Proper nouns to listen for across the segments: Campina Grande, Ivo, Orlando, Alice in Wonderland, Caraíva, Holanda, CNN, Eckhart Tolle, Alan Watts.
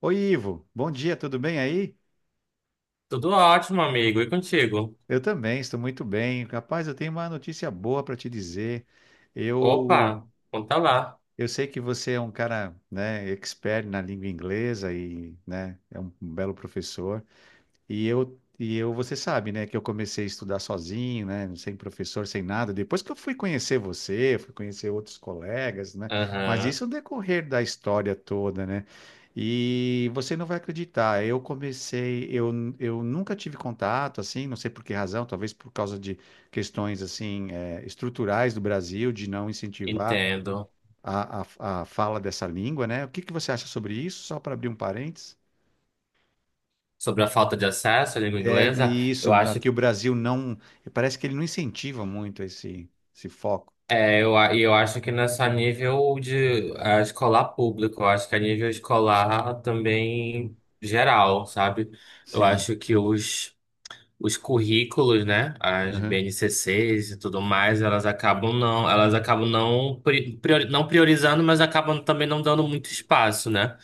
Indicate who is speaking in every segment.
Speaker 1: Oi, Ivo. Bom dia, tudo bem aí?
Speaker 2: Tudo ótimo, amigo. E contigo?
Speaker 1: Eu também, estou muito bem. Rapaz, eu tenho uma notícia boa para te dizer. Eu,
Speaker 2: Opa, conta lá.
Speaker 1: eu sei que você é um cara, né, expert na língua inglesa e, né, é um belo professor. E eu, você sabe, né, que eu comecei a estudar sozinho, né, sem professor, sem nada. Depois que eu fui conhecer você, fui conhecer outros colegas, né, mas
Speaker 2: Aham,
Speaker 1: isso no decorrer da história toda, né. E você não vai acreditar, eu nunca tive contato, assim, não sei por que razão, talvez por causa de questões, assim, estruturais do Brasil, de não incentivar
Speaker 2: entendo.
Speaker 1: a fala dessa língua, né. O que que você acha sobre isso? Só para abrir um parênteses.
Speaker 2: Sobre a falta de acesso à língua
Speaker 1: É
Speaker 2: inglesa,
Speaker 1: e isso,
Speaker 2: eu acho,
Speaker 1: aqui o Brasil não, parece que ele não incentiva muito esse foco.
Speaker 2: é, e eu acho que não é só nível de escolar público, eu acho que é nível escolar também geral, sabe? Eu
Speaker 1: Sim,
Speaker 2: acho que os currículos, né, as
Speaker 1: aham,
Speaker 2: BNCCs e tudo mais, elas acabam não não priorizando, mas acabam também não dando muito espaço, né,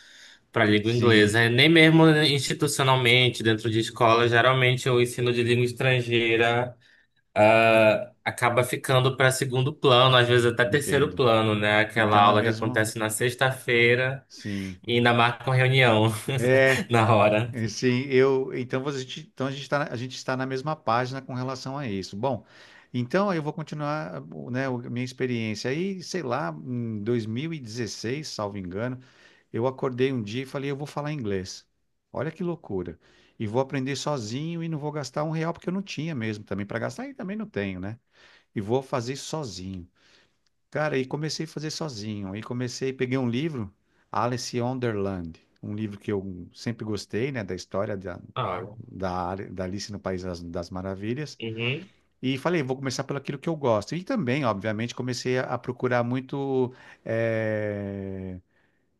Speaker 2: para a língua
Speaker 1: sim,
Speaker 2: inglesa. É, nem mesmo institucionalmente, dentro de escola, geralmente o ensino de língua estrangeira acaba ficando para segundo plano, às vezes até terceiro
Speaker 1: entendo.
Speaker 2: plano, né, aquela
Speaker 1: Então é
Speaker 2: aula que
Speaker 1: mesmo,
Speaker 2: acontece na sexta-feira
Speaker 1: sim.
Speaker 2: e ainda marca uma reunião
Speaker 1: É,
Speaker 2: na hora.
Speaker 1: é, sim, então a gente está na mesma página com relação a isso. Bom, então eu vou continuar, né, a minha experiência. Aí, sei lá, em 2016 salvo engano, eu acordei um dia e falei, eu vou falar inglês. Olha que loucura. E vou aprender sozinho e não vou gastar um real, porque eu não tinha mesmo também para gastar, e também não tenho, né? E vou fazer sozinho. Cara, e comecei a fazer sozinho. Aí comecei, peguei um livro, Alice in Wonderland, um livro que eu sempre gostei, né, da história da,
Speaker 2: Ah,
Speaker 1: da, Ari- da Alice no País das Maravilhas.
Speaker 2: uhum.
Speaker 1: E falei, vou começar pelo aquilo que eu gosto. E também, obviamente, comecei a procurar muito eh,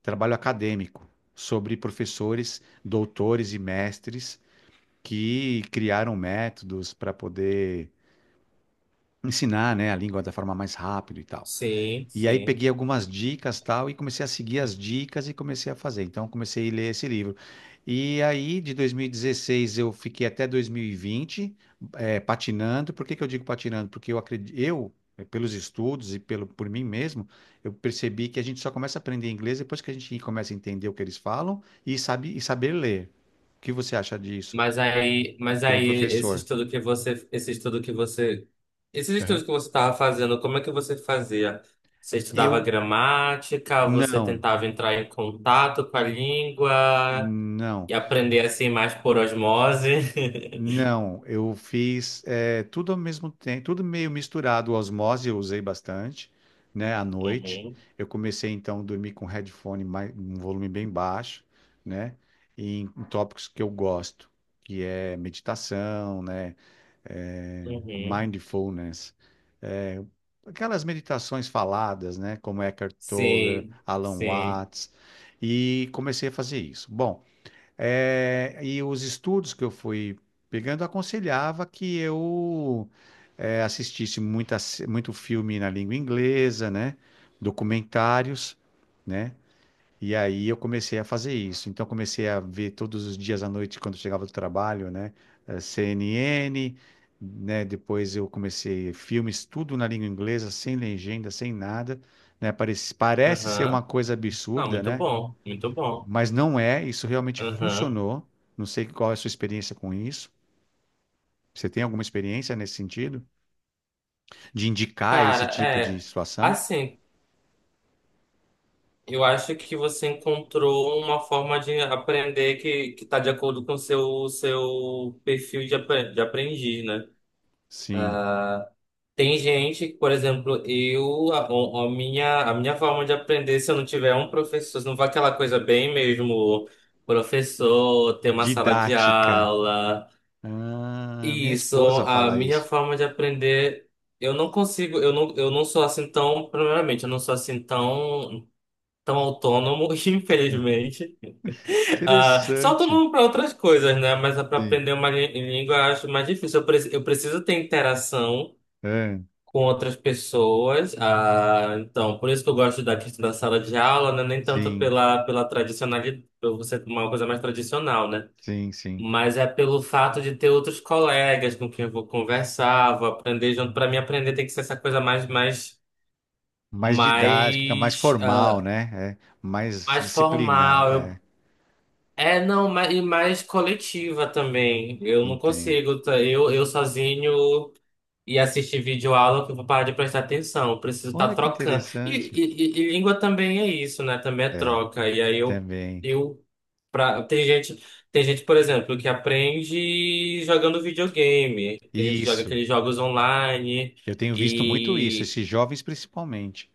Speaker 1: trabalho acadêmico sobre professores, doutores e mestres que criaram métodos para poder ensinar, né, a língua da forma mais rápida e tal.
Speaker 2: Sim,
Speaker 1: E aí peguei
Speaker 2: sim.
Speaker 1: algumas dicas, tal, e comecei a seguir as dicas e comecei a fazer. Então comecei a ler esse livro. E aí de 2016 eu fiquei até 2020 patinando. Por que que eu digo patinando? Porque eu acredito, pelos estudos e pelo por mim mesmo, eu percebi que a gente só começa a aprender inglês depois que a gente começa a entender o que eles falam e sabe e saber ler. O que você acha disso,
Speaker 2: Mas aí, mas
Speaker 1: como
Speaker 2: aí esse
Speaker 1: professor?
Speaker 2: esses estudos
Speaker 1: Aham.
Speaker 2: que você estava fazendo, como é que você fazia? Você estudava
Speaker 1: Eu
Speaker 2: gramática, você
Speaker 1: não,
Speaker 2: tentava entrar em contato com a língua
Speaker 1: não.
Speaker 2: e aprender assim mais por osmose?
Speaker 1: Não, eu fiz tudo ao mesmo tempo, tudo meio misturado. Osmose eu usei bastante, né, à noite.
Speaker 2: Uhum,
Speaker 1: Eu comecei então a dormir com headphone mais, um volume bem baixo, né, e em, em tópicos que eu gosto, que é meditação, né,
Speaker 2: uhum.
Speaker 1: mindfulness, aquelas meditações faladas, né, como Eckhart Tolle,
Speaker 2: Sim,
Speaker 1: Alan
Speaker 2: sim.
Speaker 1: Watts, e comecei a fazer isso. Bom. É, e os estudos que eu fui pegando aconselhava que eu assistisse muita, se- muito filme na língua inglesa, né? Documentários, né? E aí eu comecei a fazer isso. Então comecei a ver todos os dias à noite quando chegava do trabalho, né? CNN, né? Depois eu comecei filmes tudo na língua inglesa, sem legenda, sem nada, né? Parece, parece ser uma
Speaker 2: Aham.
Speaker 1: coisa
Speaker 2: Não,
Speaker 1: absurda,
Speaker 2: muito
Speaker 1: né?
Speaker 2: bom, muito bom.
Speaker 1: Mas não é, isso realmente
Speaker 2: Aham.
Speaker 1: funcionou. Não sei qual é a sua experiência com isso. Você tem alguma experiência nesse sentido? De indicar esse
Speaker 2: Cara,
Speaker 1: tipo de
Speaker 2: é.
Speaker 1: situação?
Speaker 2: Assim, eu acho que você encontrou uma forma de aprender que está de acordo com o seu perfil de, de aprendiz, né?
Speaker 1: Sim.
Speaker 2: Tem gente que, por exemplo, eu a, o- a minha forma de aprender, se eu não tiver um professor, se não for aquela coisa bem mesmo, professor, ter uma sala de
Speaker 1: Didática.
Speaker 2: aula,
Speaker 1: Ah, minha
Speaker 2: isso,
Speaker 1: esposa
Speaker 2: a
Speaker 1: fala
Speaker 2: minha
Speaker 1: isso.
Speaker 2: forma de aprender, eu não consigo, eu não sou assim tão, primeiramente, eu não sou assim tão autônomo,
Speaker 1: Aham.
Speaker 2: infelizmente. Ah, só todo
Speaker 1: Interessante.
Speaker 2: mundo para outras coisas, né? Mas para
Speaker 1: Sim.
Speaker 2: aprender uma língua eu acho mais difícil. Eu, eu preciso ter interação
Speaker 1: Ah,
Speaker 2: com outras pessoas. Ah, então, por isso que eu gosto da questão da sala de aula, né? Nem tanto
Speaker 1: sim,
Speaker 2: pela tradicionalidade, por ser uma coisa mais tradicional, né?
Speaker 1: sim, sim.
Speaker 2: Mas é pelo fato de ter outros colegas com quem eu vou conversar, vou aprender junto. Para mim, aprender tem que ser essa coisa
Speaker 1: Mais didática, mais
Speaker 2: mais, ah,
Speaker 1: formal, né? É, mais
Speaker 2: mais
Speaker 1: disciplinada.
Speaker 2: formal.
Speaker 1: É,
Speaker 2: É, não, e mais coletiva também. Eu não
Speaker 1: entendo.
Speaker 2: consigo, tá? Eu sozinho e assistir vídeo aula que eu vou parar de prestar atenção. Eu preciso
Speaker 1: Olha
Speaker 2: estar
Speaker 1: que
Speaker 2: trocando. E,
Speaker 1: interessante.
Speaker 2: e- e- e língua também é isso, né? Também é
Speaker 1: É,
Speaker 2: troca. E aí eu,
Speaker 1: também.
Speaker 2: eu pra, tem gente, por exemplo, que aprende jogando videogame. Tem gente que joga
Speaker 1: Isso.
Speaker 2: aqueles jogos online.
Speaker 1: Eu tenho visto muito isso,
Speaker 2: E
Speaker 1: esses jovens principalmente,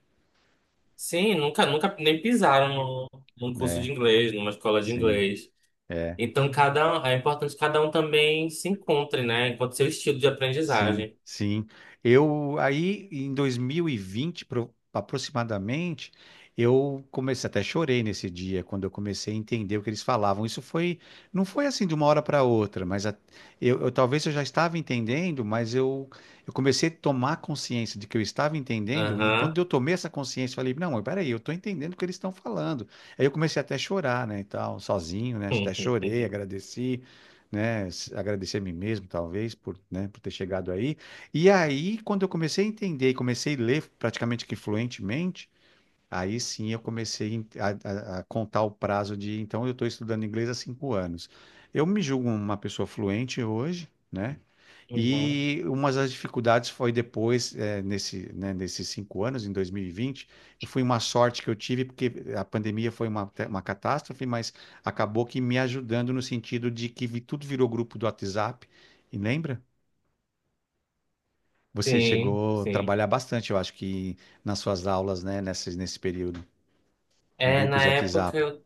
Speaker 2: sim, nunca nem pisaram num curso de
Speaker 1: né?
Speaker 2: inglês, numa escola de
Speaker 1: Sim,
Speaker 2: inglês.
Speaker 1: é.
Speaker 2: Então, é importante que cada um também se encontre, né? Encontre seu estilo de
Speaker 1: Sim,
Speaker 2: aprendizagem.
Speaker 1: sim. Eu aí em 2020, aproximadamente, eu comecei, até chorei nesse dia quando eu comecei a entender o que eles falavam. Isso foi, não foi assim de uma hora para outra, talvez eu já estava entendendo, mas eu comecei a tomar consciência de que eu estava entendendo, e
Speaker 2: Aham.
Speaker 1: quando eu tomei essa consciência, eu falei, não, mas peraí, eu estou entendendo o que eles estão falando. Aí eu comecei até a chorar, né, e tal, sozinho, né? Até chorei, agradeci, né, agradecer a mim mesmo, talvez, por, né, por ter chegado aí. E aí, quando eu comecei a entender e comecei a ler praticamente que fluentemente, aí sim eu comecei a contar o prazo de, então, eu estou estudando inglês há 5 anos. Eu me julgo uma pessoa fluente hoje, né?
Speaker 2: Uhum.
Speaker 1: E uma das dificuldades foi depois, nesses 5 anos, em 2020, eu fui uma sorte que eu tive, porque a pandemia foi uma catástrofe, mas acabou que me ajudando no sentido de que tudo virou grupo do WhatsApp. E lembra? Você
Speaker 2: Sim,
Speaker 1: chegou a
Speaker 2: sim.
Speaker 1: trabalhar bastante, eu acho que nas suas aulas, né, nesse período, em
Speaker 2: É,
Speaker 1: grupos
Speaker 2: na
Speaker 1: de
Speaker 2: época
Speaker 1: WhatsApp.
Speaker 2: eu.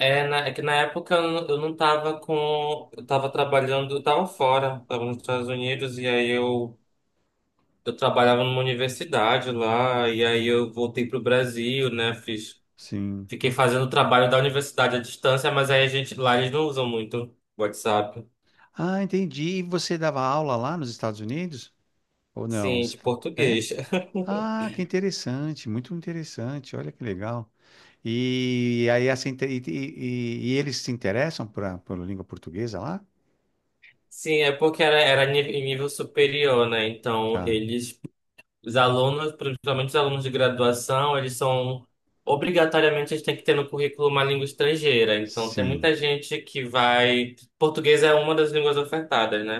Speaker 2: É, é que na época eu, eu não tava com. Eu tava trabalhando, eu tava fora, tava nos Estados Unidos, eu trabalhava numa universidade lá, e aí eu voltei pro Brasil, né? Fiz,
Speaker 1: Sim.
Speaker 2: fiquei fazendo o trabalho da universidade à distância, mas aí a gente, lá eles não usam muito WhatsApp.
Speaker 1: Ah, entendi. E você dava aula lá nos Estados Unidos? Ou não?
Speaker 2: Sim, de
Speaker 1: É?
Speaker 2: português.
Speaker 1: Ah, que interessante, muito interessante, olha que legal. E aí essa inte- e eles se interessam pela língua portuguesa lá?
Speaker 2: Sim, é porque era em nível superior, né? Então,
Speaker 1: Tá.
Speaker 2: eles, os alunos, principalmente os alunos de graduação, eles são, obrigatoriamente, eles têm que ter no currículo uma língua estrangeira. Então, tem
Speaker 1: Sim.
Speaker 2: muita gente que vai. Português é uma das línguas ofertadas, né?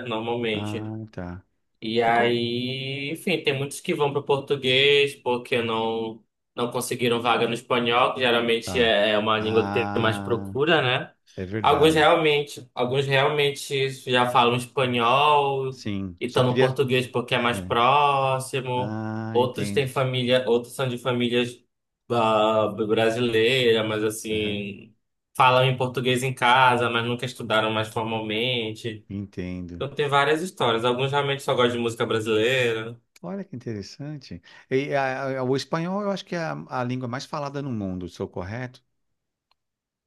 Speaker 1: Ah,
Speaker 2: Normalmente.
Speaker 1: tá.
Speaker 2: E
Speaker 1: E qual?
Speaker 2: aí, enfim, tem muitos que vão para o português porque não conseguiram vaga no espanhol, que geralmente
Speaker 1: Tá.
Speaker 2: é uma língua que tem mais
Speaker 1: Ah,
Speaker 2: procura, né?
Speaker 1: é verdade.
Speaker 2: Alguns realmente já falam espanhol
Speaker 1: Sim.
Speaker 2: e
Speaker 1: Só
Speaker 2: estão no
Speaker 1: queria.
Speaker 2: português porque é mais
Speaker 1: É.
Speaker 2: próximo.
Speaker 1: Ah,
Speaker 2: Outros
Speaker 1: entendo.
Speaker 2: têm família, outros são de famílias brasileiras, mas
Speaker 1: Aham,
Speaker 2: assim, falam em português em casa, mas nunca estudaram mais formalmente.
Speaker 1: entendo.
Speaker 2: Eu tenho várias histórias. Alguns realmente só gostam de música brasileira.
Speaker 1: Olha que interessante. E o espanhol eu acho que é a língua mais falada no mundo, sou correto?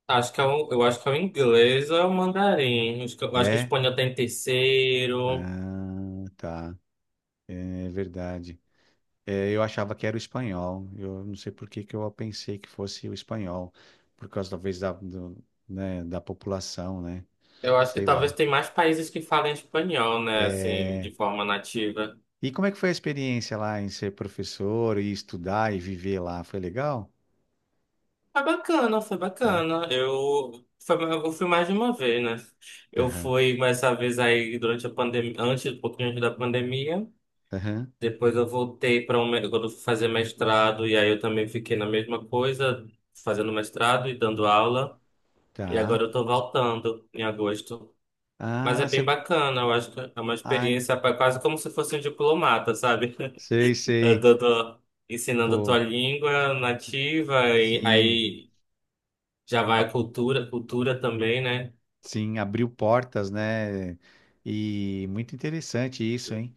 Speaker 2: Acho que é o, eu acho que é o inglês ou é o mandarim. Acho que, eu acho que o
Speaker 1: É.
Speaker 2: espanhol tem terceiro.
Speaker 1: Ah, tá. É verdade. É, eu achava que era o espanhol. Eu não sei por que que eu pensei que fosse o espanhol, por causa talvez né, da população, né?
Speaker 2: Eu acho que
Speaker 1: Sei
Speaker 2: talvez
Speaker 1: lá.
Speaker 2: tem mais países que falem espanhol, né? Assim,
Speaker 1: É,
Speaker 2: de forma nativa.
Speaker 1: e como é que foi a experiência lá em ser professor e estudar e viver lá? Foi legal?
Speaker 2: Foi bacana, foi
Speaker 1: É.
Speaker 2: bacana. Eu, foi, eu fui mais de uma vez, né? Eu
Speaker 1: Aham.
Speaker 2: fui mais essa vez aí durante a pandemia, antes, um pouquinho antes da pandemia.
Speaker 1: Aham.
Speaker 2: Depois eu voltei para um, quando eu fui fazer mestrado, e aí eu também fiquei na mesma coisa, fazendo mestrado e dando aula. E agora
Speaker 1: Tá.
Speaker 2: eu tô voltando em agosto. Mas
Speaker 1: Ah,
Speaker 2: é bem
Speaker 1: você.
Speaker 2: bacana, eu acho que é uma
Speaker 1: Ah,
Speaker 2: experiência quase como se fosse um diplomata, sabe?
Speaker 1: sei,
Speaker 2: Eu
Speaker 1: sei.
Speaker 2: tô ensinando a tua
Speaker 1: Pô,
Speaker 2: língua nativa, e
Speaker 1: sim.
Speaker 2: aí já vai a cultura, cultura também, né?
Speaker 1: Sim, abriu portas, né? E muito interessante isso, hein?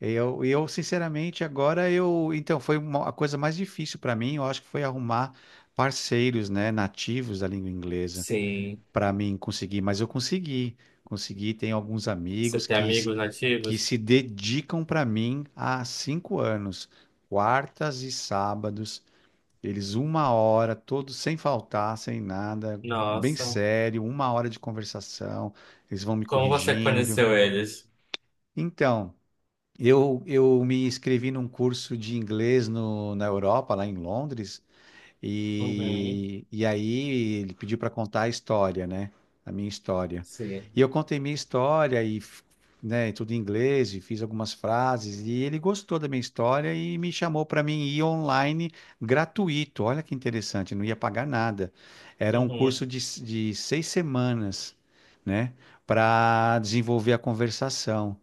Speaker 1: Eu sinceramente, agora eu. Então, foi a coisa mais difícil para mim, eu acho que foi arrumar parceiros, né, nativos da língua inglesa,
Speaker 2: Sim.
Speaker 1: para mim conseguir. Mas eu consegui, consegui. Tenho alguns
Speaker 2: Você
Speaker 1: amigos
Speaker 2: tem
Speaker 1: que, s-
Speaker 2: amigos
Speaker 1: que
Speaker 2: nativos?
Speaker 1: se dedicam para mim há cinco anos, quartas e sábados. Eles uma hora, todos sem faltar, sem nada, bem
Speaker 2: Nossa.
Speaker 1: sério, uma hora de conversação, eles vão me
Speaker 2: Como você
Speaker 1: corrigindo.
Speaker 2: conheceu eles?
Speaker 1: Então, eu me inscrevi num curso de inglês no, na Europa, lá em Londres,
Speaker 2: Uhum.
Speaker 1: e aí ele pediu para contar a história, né? A minha história. E
Speaker 2: Sim.
Speaker 1: eu contei minha história e, né, tudo em inglês, e fiz algumas frases, e ele gostou da minha história e me chamou para mim ir online gratuito. Olha que interessante, não ia pagar nada. Era um curso
Speaker 2: Uhum.
Speaker 1: de 6 semanas, né? Para desenvolver a conversação.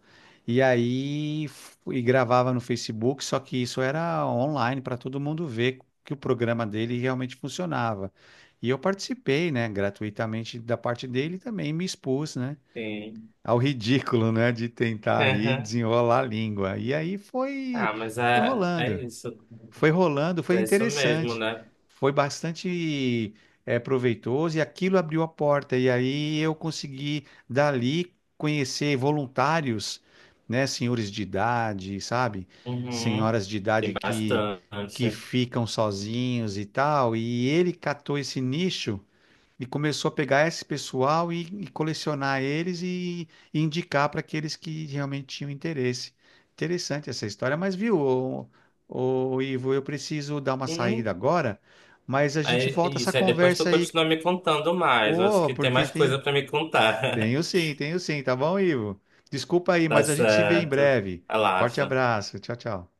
Speaker 1: E aí e gravava no Facebook, só que isso era online para todo mundo ver que o programa dele realmente funcionava. E eu participei, né, gratuitamente da parte dele e também me expus, né,
Speaker 2: Sim.
Speaker 1: ao ridículo, né, de tentar ali desenrolar a língua. E aí
Speaker 2: Ah, mas
Speaker 1: foi
Speaker 2: é,
Speaker 1: rolando
Speaker 2: é isso.
Speaker 1: foi rolando,
Speaker 2: Mas
Speaker 1: foi
Speaker 2: é isso mesmo,
Speaker 1: interessante,
Speaker 2: né?
Speaker 1: foi bastante proveitoso e aquilo abriu a porta. E aí eu consegui dali conhecer voluntários, né, senhores de idade, sabe,
Speaker 2: Uhum.
Speaker 1: senhoras de
Speaker 2: Tem
Speaker 1: idade que
Speaker 2: bastante.
Speaker 1: ficam sozinhos e tal. E ele catou esse nicho e começou a pegar esse pessoal e colecionar eles e indicar para aqueles que realmente tinham interesse. Interessante essa história, mas viu, ô, ô, Ivo, eu preciso dar uma saída
Speaker 2: Uhum.
Speaker 1: agora, mas a gente
Speaker 2: Aí, é
Speaker 1: volta essa
Speaker 2: isso, aí depois tu
Speaker 1: conversa aí.
Speaker 2: continua me contando mais. Eu acho
Speaker 1: Pô,
Speaker 2: que tem
Speaker 1: porque
Speaker 2: mais
Speaker 1: tem.
Speaker 2: coisa pra me contar.
Speaker 1: Tenho sim, tá bom, Ivo? Desculpa aí,
Speaker 2: Tá
Speaker 1: mas a gente se vê em
Speaker 2: certo.
Speaker 1: breve. Forte
Speaker 2: Relaxa.
Speaker 1: abraço, tchau, tchau.